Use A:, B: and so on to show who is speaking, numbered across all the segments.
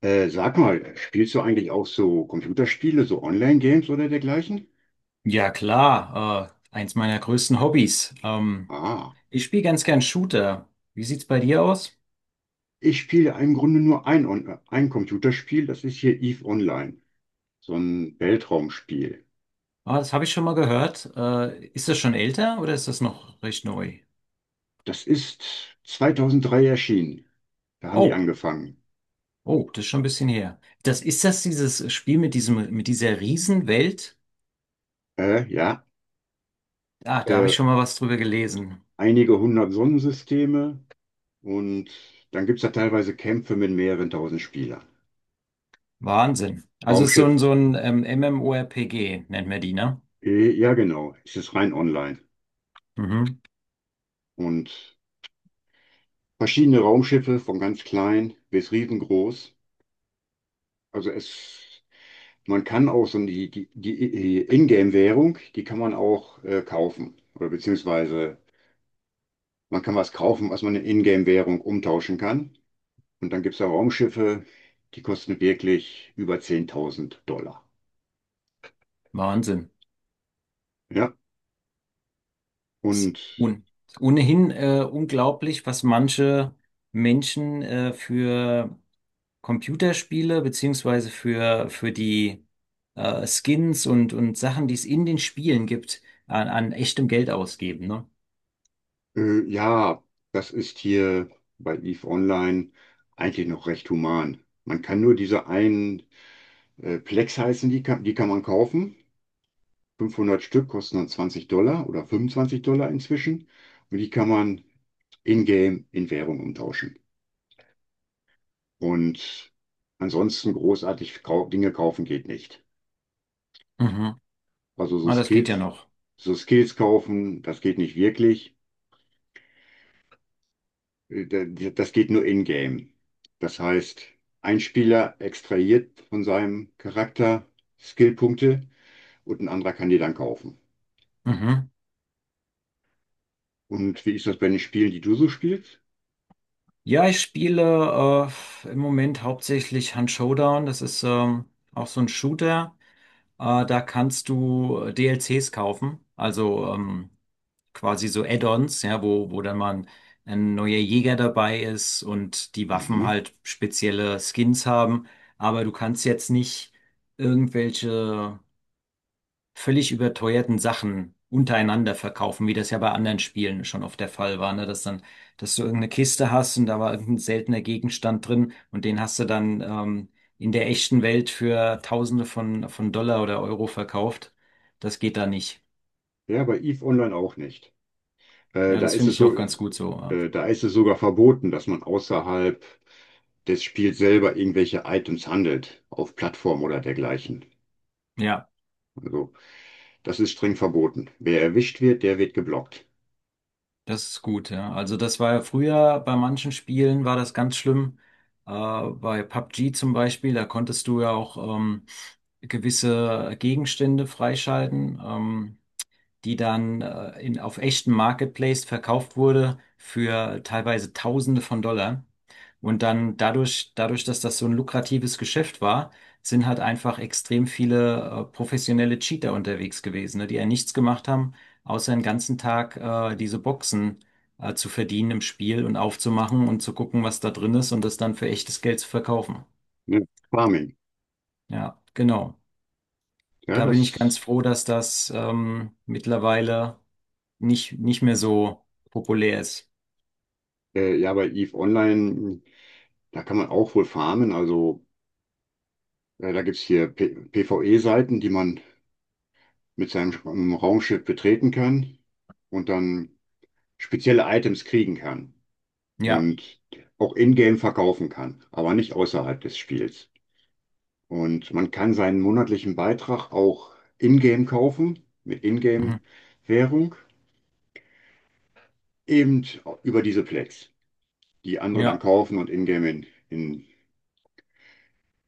A: Sag mal, spielst du eigentlich auch so Computerspiele, so Online-Games oder dergleichen?
B: Ja, klar, eins meiner größten Hobbys.
A: Ah,
B: Ich spiele ganz gern Shooter. Wie sieht's bei dir aus?
A: ich spiele im Grunde nur ein Computerspiel, das ist hier EVE Online, so ein Weltraumspiel.
B: Ah, das habe ich schon mal gehört. Ist das schon älter oder ist das noch recht neu?
A: Das ist 2003 erschienen, da haben die
B: Oh,
A: angefangen.
B: oh, das ist schon ein bisschen her. Das ist das dieses Spiel mit mit dieser Riesenwelt?
A: Ja,
B: Ah, da habe ich
A: äh,
B: schon mal was drüber gelesen.
A: einige hundert Sonnensysteme und dann gibt es da teilweise Kämpfe mit mehreren tausend Spielern.
B: Wahnsinn. Also es ist
A: Raumschiff,
B: so ein MMORPG, nennt man die, ne?
A: ja genau, es ist rein online.
B: Mhm.
A: Und verschiedene Raumschiffe, von ganz klein bis riesengroß. Also es, man kann auch so die Ingame-Währung, die kann man auch kaufen. Oder beziehungsweise man kann was kaufen, was man in Ingame-Währung umtauschen kann. Und dann gibt es da Raumschiffe, die kosten wirklich über 10.000 Dollar.
B: Wahnsinn.
A: Ja,
B: Ist
A: und
B: un Ohnehin unglaublich, was manche Menschen für Computerspiele beziehungsweise für die Skins und Sachen, die es in den Spielen gibt, an echtem Geld ausgeben, ne?
A: ja, das ist hier bei EVE Online eigentlich noch recht human. Man kann nur diese einen Plex heißen, die kann man kaufen. 500 Stück kosten dann $20 oder $25 inzwischen. Und die kann man in-game in Währung umtauschen. Und ansonsten großartig kau Dinge kaufen geht nicht.
B: Mhm.
A: Also so
B: Ah, das geht ja
A: Skills,
B: noch.
A: so Skills kaufen, das geht nicht wirklich. Äh, da- Das geht nur in-game. Das heißt, ein Spieler extrahiert von seinem Charakter Skillpunkte und ein anderer kann die dann kaufen.
B: Mhm.
A: Und wie ist das bei den Spielen, die du so spielst?
B: Ja, ich spiele im Moment hauptsächlich Hunt Showdown. Das ist auch so ein Shooter. Da kannst du DLCs kaufen, also quasi so Add-ons, ja, wo dann mal ein neuer Jäger dabei ist und die Waffen
A: Mhm.
B: halt spezielle Skins haben. Aber du kannst jetzt nicht irgendwelche völlig überteuerten Sachen untereinander verkaufen, wie das ja bei anderen Spielen schon oft der Fall war, ne? Dass du irgendeine Kiste hast und da war irgendein seltener Gegenstand drin und den hast du dann in der echten Welt für Tausende von Dollar oder Euro verkauft. Das geht da nicht.
A: Ja, bei EVE Online auch nicht. Äh,
B: Ja,
A: da
B: das
A: ist
B: finde
A: es
B: ich
A: so,
B: auch ganz gut so. Ja.
A: da ist es sogar verboten, dass man außerhalb des Spiels selber irgendwelche Items handelt, auf Plattformen oder dergleichen.
B: Ja.
A: Also, das ist streng verboten. Wer erwischt wird, der wird geblockt.
B: Das ist gut, ja. Also das war ja früher bei manchen Spielen war das ganz schlimm. Bei PUBG zum Beispiel, da konntest du ja auch gewisse Gegenstände freischalten. Die dann auf echten Marketplace verkauft wurde für teilweise Tausende von Dollar. Und dann dadurch, dass das so ein lukratives Geschäft war, sind halt einfach extrem viele professionelle Cheater unterwegs gewesen, ne, die ja nichts gemacht haben, außer den ganzen Tag diese Boxen zu verdienen im Spiel und aufzumachen und zu gucken, was da drin ist und das dann für echtes Geld zu verkaufen.
A: Ne? Farming.
B: Ja, genau.
A: Ja,
B: Da bin ich ganz froh, dass das mittlerweile nicht mehr so populär ist.
A: ja, bei EVE Online, da kann man auch wohl farmen. Also, da gibt's hier PvE-Seiten, die man mit seinem Raumschiff betreten kann und dann spezielle Items kriegen kann
B: Ja.
A: und auch in-game verkaufen kann, aber nicht außerhalb des Spiels. Und man kann seinen monatlichen Beitrag auch in-game kaufen, mit
B: Mhm.
A: in-game-Währung, eben über diese Plex, die andere dann
B: Ja.
A: kaufen und in-game in, in,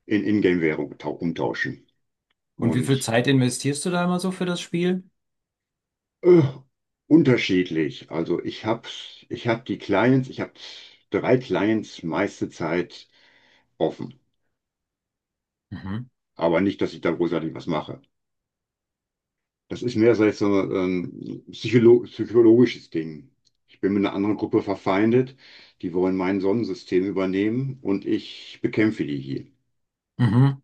A: in In-Game-Währung umtauschen.
B: Und wie viel
A: Und
B: Zeit investierst du da immer so für das Spiel?
A: Äh, unterschiedlich. Also ich hab die Clients, ich habe drei Clients meiste Zeit offen.
B: Mhm.
A: Aber nicht, dass ich da großartig was mache. Das ist mehr so jetzt so ein psychologisches Ding. Ich bin mit einer anderen Gruppe verfeindet, die wollen mein Sonnensystem übernehmen und ich bekämpfe die hier.
B: Mhm.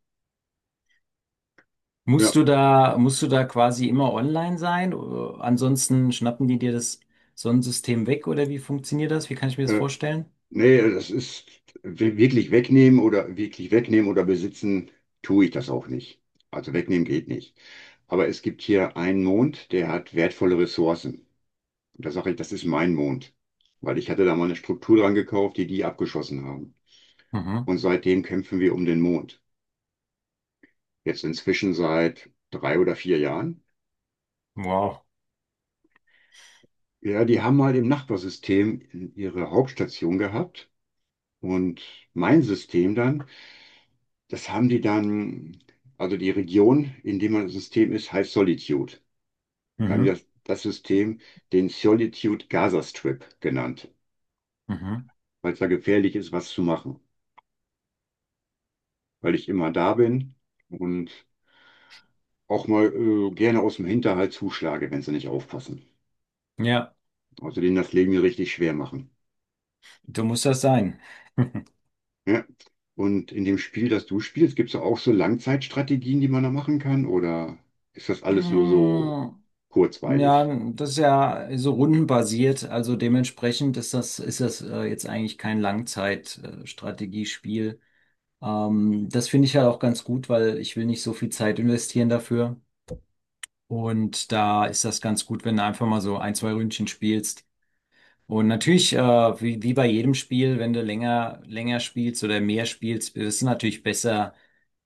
A: Ja.
B: Musst du da quasi immer online sein? Oder ansonsten schnappen die dir das Sonnensystem weg oder wie funktioniert das? Wie kann ich mir das
A: äh,
B: vorstellen?
A: Nee, das ist wirklich wegnehmen oder besitzen, tue ich das auch nicht. Also wegnehmen geht nicht. Aber es gibt hier einen Mond, der hat wertvolle Ressourcen. Und da sage ich, das ist mein Mond. Weil ich hatte da mal eine Struktur dran gekauft, die die abgeschossen haben.
B: Mhm.
A: Und seitdem kämpfen wir um den Mond. Jetzt inzwischen seit 3 oder 4 Jahren.
B: Wow.
A: Ja, die haben mal im Nachbarsystem ihre Hauptstation gehabt. Und mein System dann. Das haben die dann, also die Region, in der man das System ist, heißt Solitude. Wir haben
B: Mhm.
A: das System den Solitude Gaza Strip genannt,
B: Mhm.
A: weil es da gefährlich ist, was zu machen, weil ich immer da bin und auch mal gerne aus dem Hinterhalt zuschlage, wenn sie nicht aufpassen.
B: Ja,
A: Also denen das Leben hier richtig schwer machen.
B: du musst das sein.
A: Ja. Und in dem Spiel, das du spielst, gibt es auch so Langzeitstrategien, die man da machen kann, oder ist das alles nur so
B: Mhm. Ja,
A: kurzweilig?
B: das ist ja so rundenbasiert, also dementsprechend ist ist das jetzt eigentlich kein Langzeitstrategiespiel. Das finde ich halt auch ganz gut, weil ich will nicht so viel Zeit investieren dafür. Und da ist das ganz gut, wenn du einfach mal so ein, zwei Ründchen spielst. Und natürlich, wie bei jedem Spiel, wenn du länger spielst oder mehr spielst, ist es natürlich besser,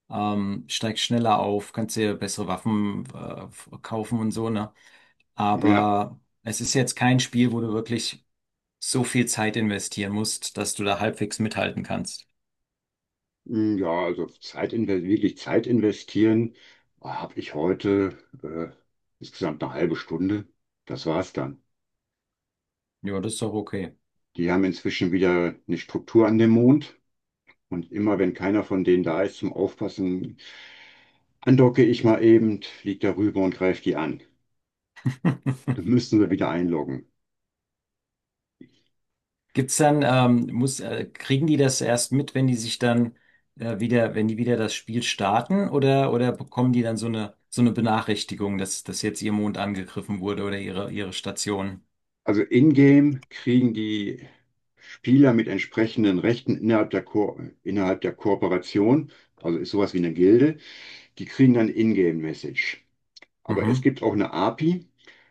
B: steigst schneller auf, kannst dir bessere Waffen, kaufen und so, ne?
A: Ja.
B: Aber es ist jetzt kein Spiel, wo du wirklich so viel Zeit investieren musst, dass du da halbwegs mithalten kannst.
A: Mm, ja, also wirklich Zeit investieren, habe ich heute insgesamt eine halbe Stunde. Das war's dann.
B: Ja, das ist doch okay.
A: Die haben inzwischen wieder eine Struktur an dem Mond und immer wenn keiner von denen da ist zum Aufpassen, andocke ich mal eben, flieg darüber und greife die an. Dann müssen wir wieder einloggen.
B: Gibt's dann, kriegen die das erst mit, wenn die sich dann wenn die wieder das Spiel starten oder bekommen die dann so eine Benachrichtigung, dass jetzt ihr Mond angegriffen wurde oder ihre Station?
A: Also in-game kriegen die Spieler mit entsprechenden Rechten innerhalb der Kooperation, also ist sowas wie eine Gilde. Die kriegen dann Ingame-Message. Aber es
B: Mhm.
A: gibt auch eine API,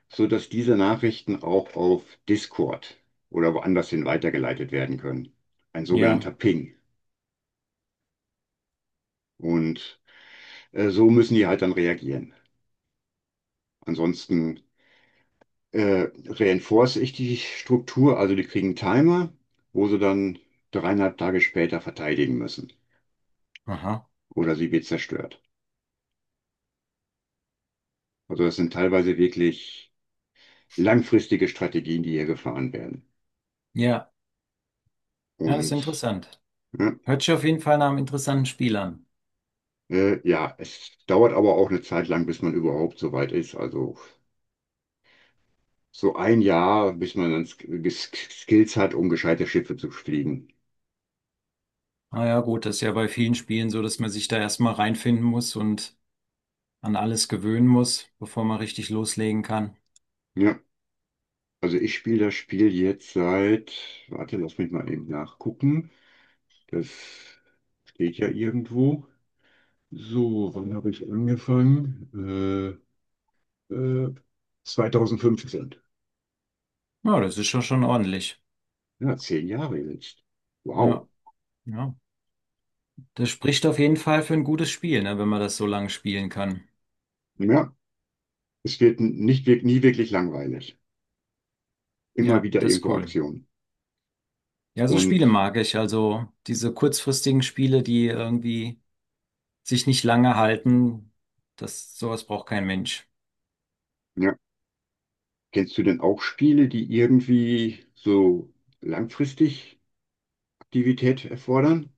A: sodass diese Nachrichten auch auf Discord oder woanders hin weitergeleitet werden können. Ein
B: Ja.
A: sogenannter Ping. Und so müssen die halt dann reagieren. Ansonsten reinforce ich die Struktur, also die kriegen einen Timer, wo sie dann 3,5 Tage später verteidigen müssen.
B: Aha.
A: Oder sie wird zerstört. Also das sind teilweise wirklich langfristige Strategien, die hier gefahren werden.
B: Ja. Ja, das ist
A: Und
B: interessant.
A: ja,
B: Hört sich auf jeden Fall nach einem interessanten Spiel an.
A: Ja, es dauert aber auch eine Zeit lang, bis man überhaupt so weit ist. Also so ein Jahr, bis man dann Sk Sk Skills hat, um gescheite Schiffe zu fliegen.
B: Ah ja, gut, das ist ja bei vielen Spielen so, dass man sich da erstmal reinfinden muss und an alles gewöhnen muss, bevor man richtig loslegen kann.
A: Ja, also ich spiele das Spiel jetzt seit, warte, lass mich mal eben nachgucken. Das steht ja irgendwo. So, wann habe ich angefangen? Äh, äh, 2015.
B: Ja, das ist schon ordentlich.
A: Ja, 10 Jahre jetzt. Wow.
B: Ja, ja. Das spricht auf jeden Fall für ein gutes Spiel, ne, wenn man das so lange spielen kann.
A: Ja, es wird nicht, nie wirklich langweilig. Immer
B: Ja,
A: wieder
B: das ist
A: irgendwo
B: cool.
A: Aktion.
B: Ja, so
A: Und
B: Spiele mag ich. Also diese kurzfristigen Spiele, die irgendwie sich nicht lange halten, sowas braucht kein Mensch.
A: Ja. Kennst du denn auch Spiele, die irgendwie so langfristig Aktivität erfordern,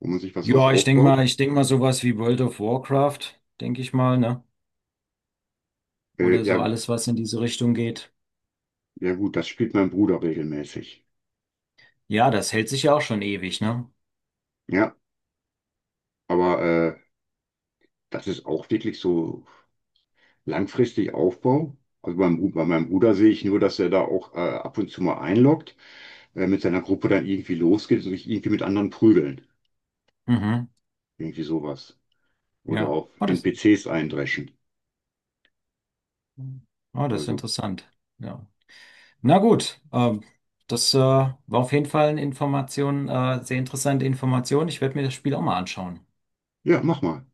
A: wo man sich was sowas
B: Ja,
A: aufbaut?
B: ich denke mal sowas wie World of Warcraft, denke ich mal, ne? Oder so
A: Ja,
B: alles, was in diese Richtung geht.
A: ja gut, das spielt mein Bruder regelmäßig.
B: Ja, das hält sich ja auch schon ewig, ne?
A: Ja, aber das ist auch wirklich so langfristig Aufbau. Also bei meinem Bruder sehe ich nur, dass er da auch ab und zu mal einloggt, mit seiner Gruppe dann irgendwie losgeht und sich irgendwie mit anderen prügeln.
B: Mhm.
A: Irgendwie sowas. Oder
B: Ja.
A: auf NPCs eindreschen.
B: Oh, das ist
A: Also,
B: interessant. Ja. Na gut, das war auf jeden Fall eine Information, sehr interessante Information. Ich werde mir das Spiel auch mal anschauen.
A: ja, mach mal.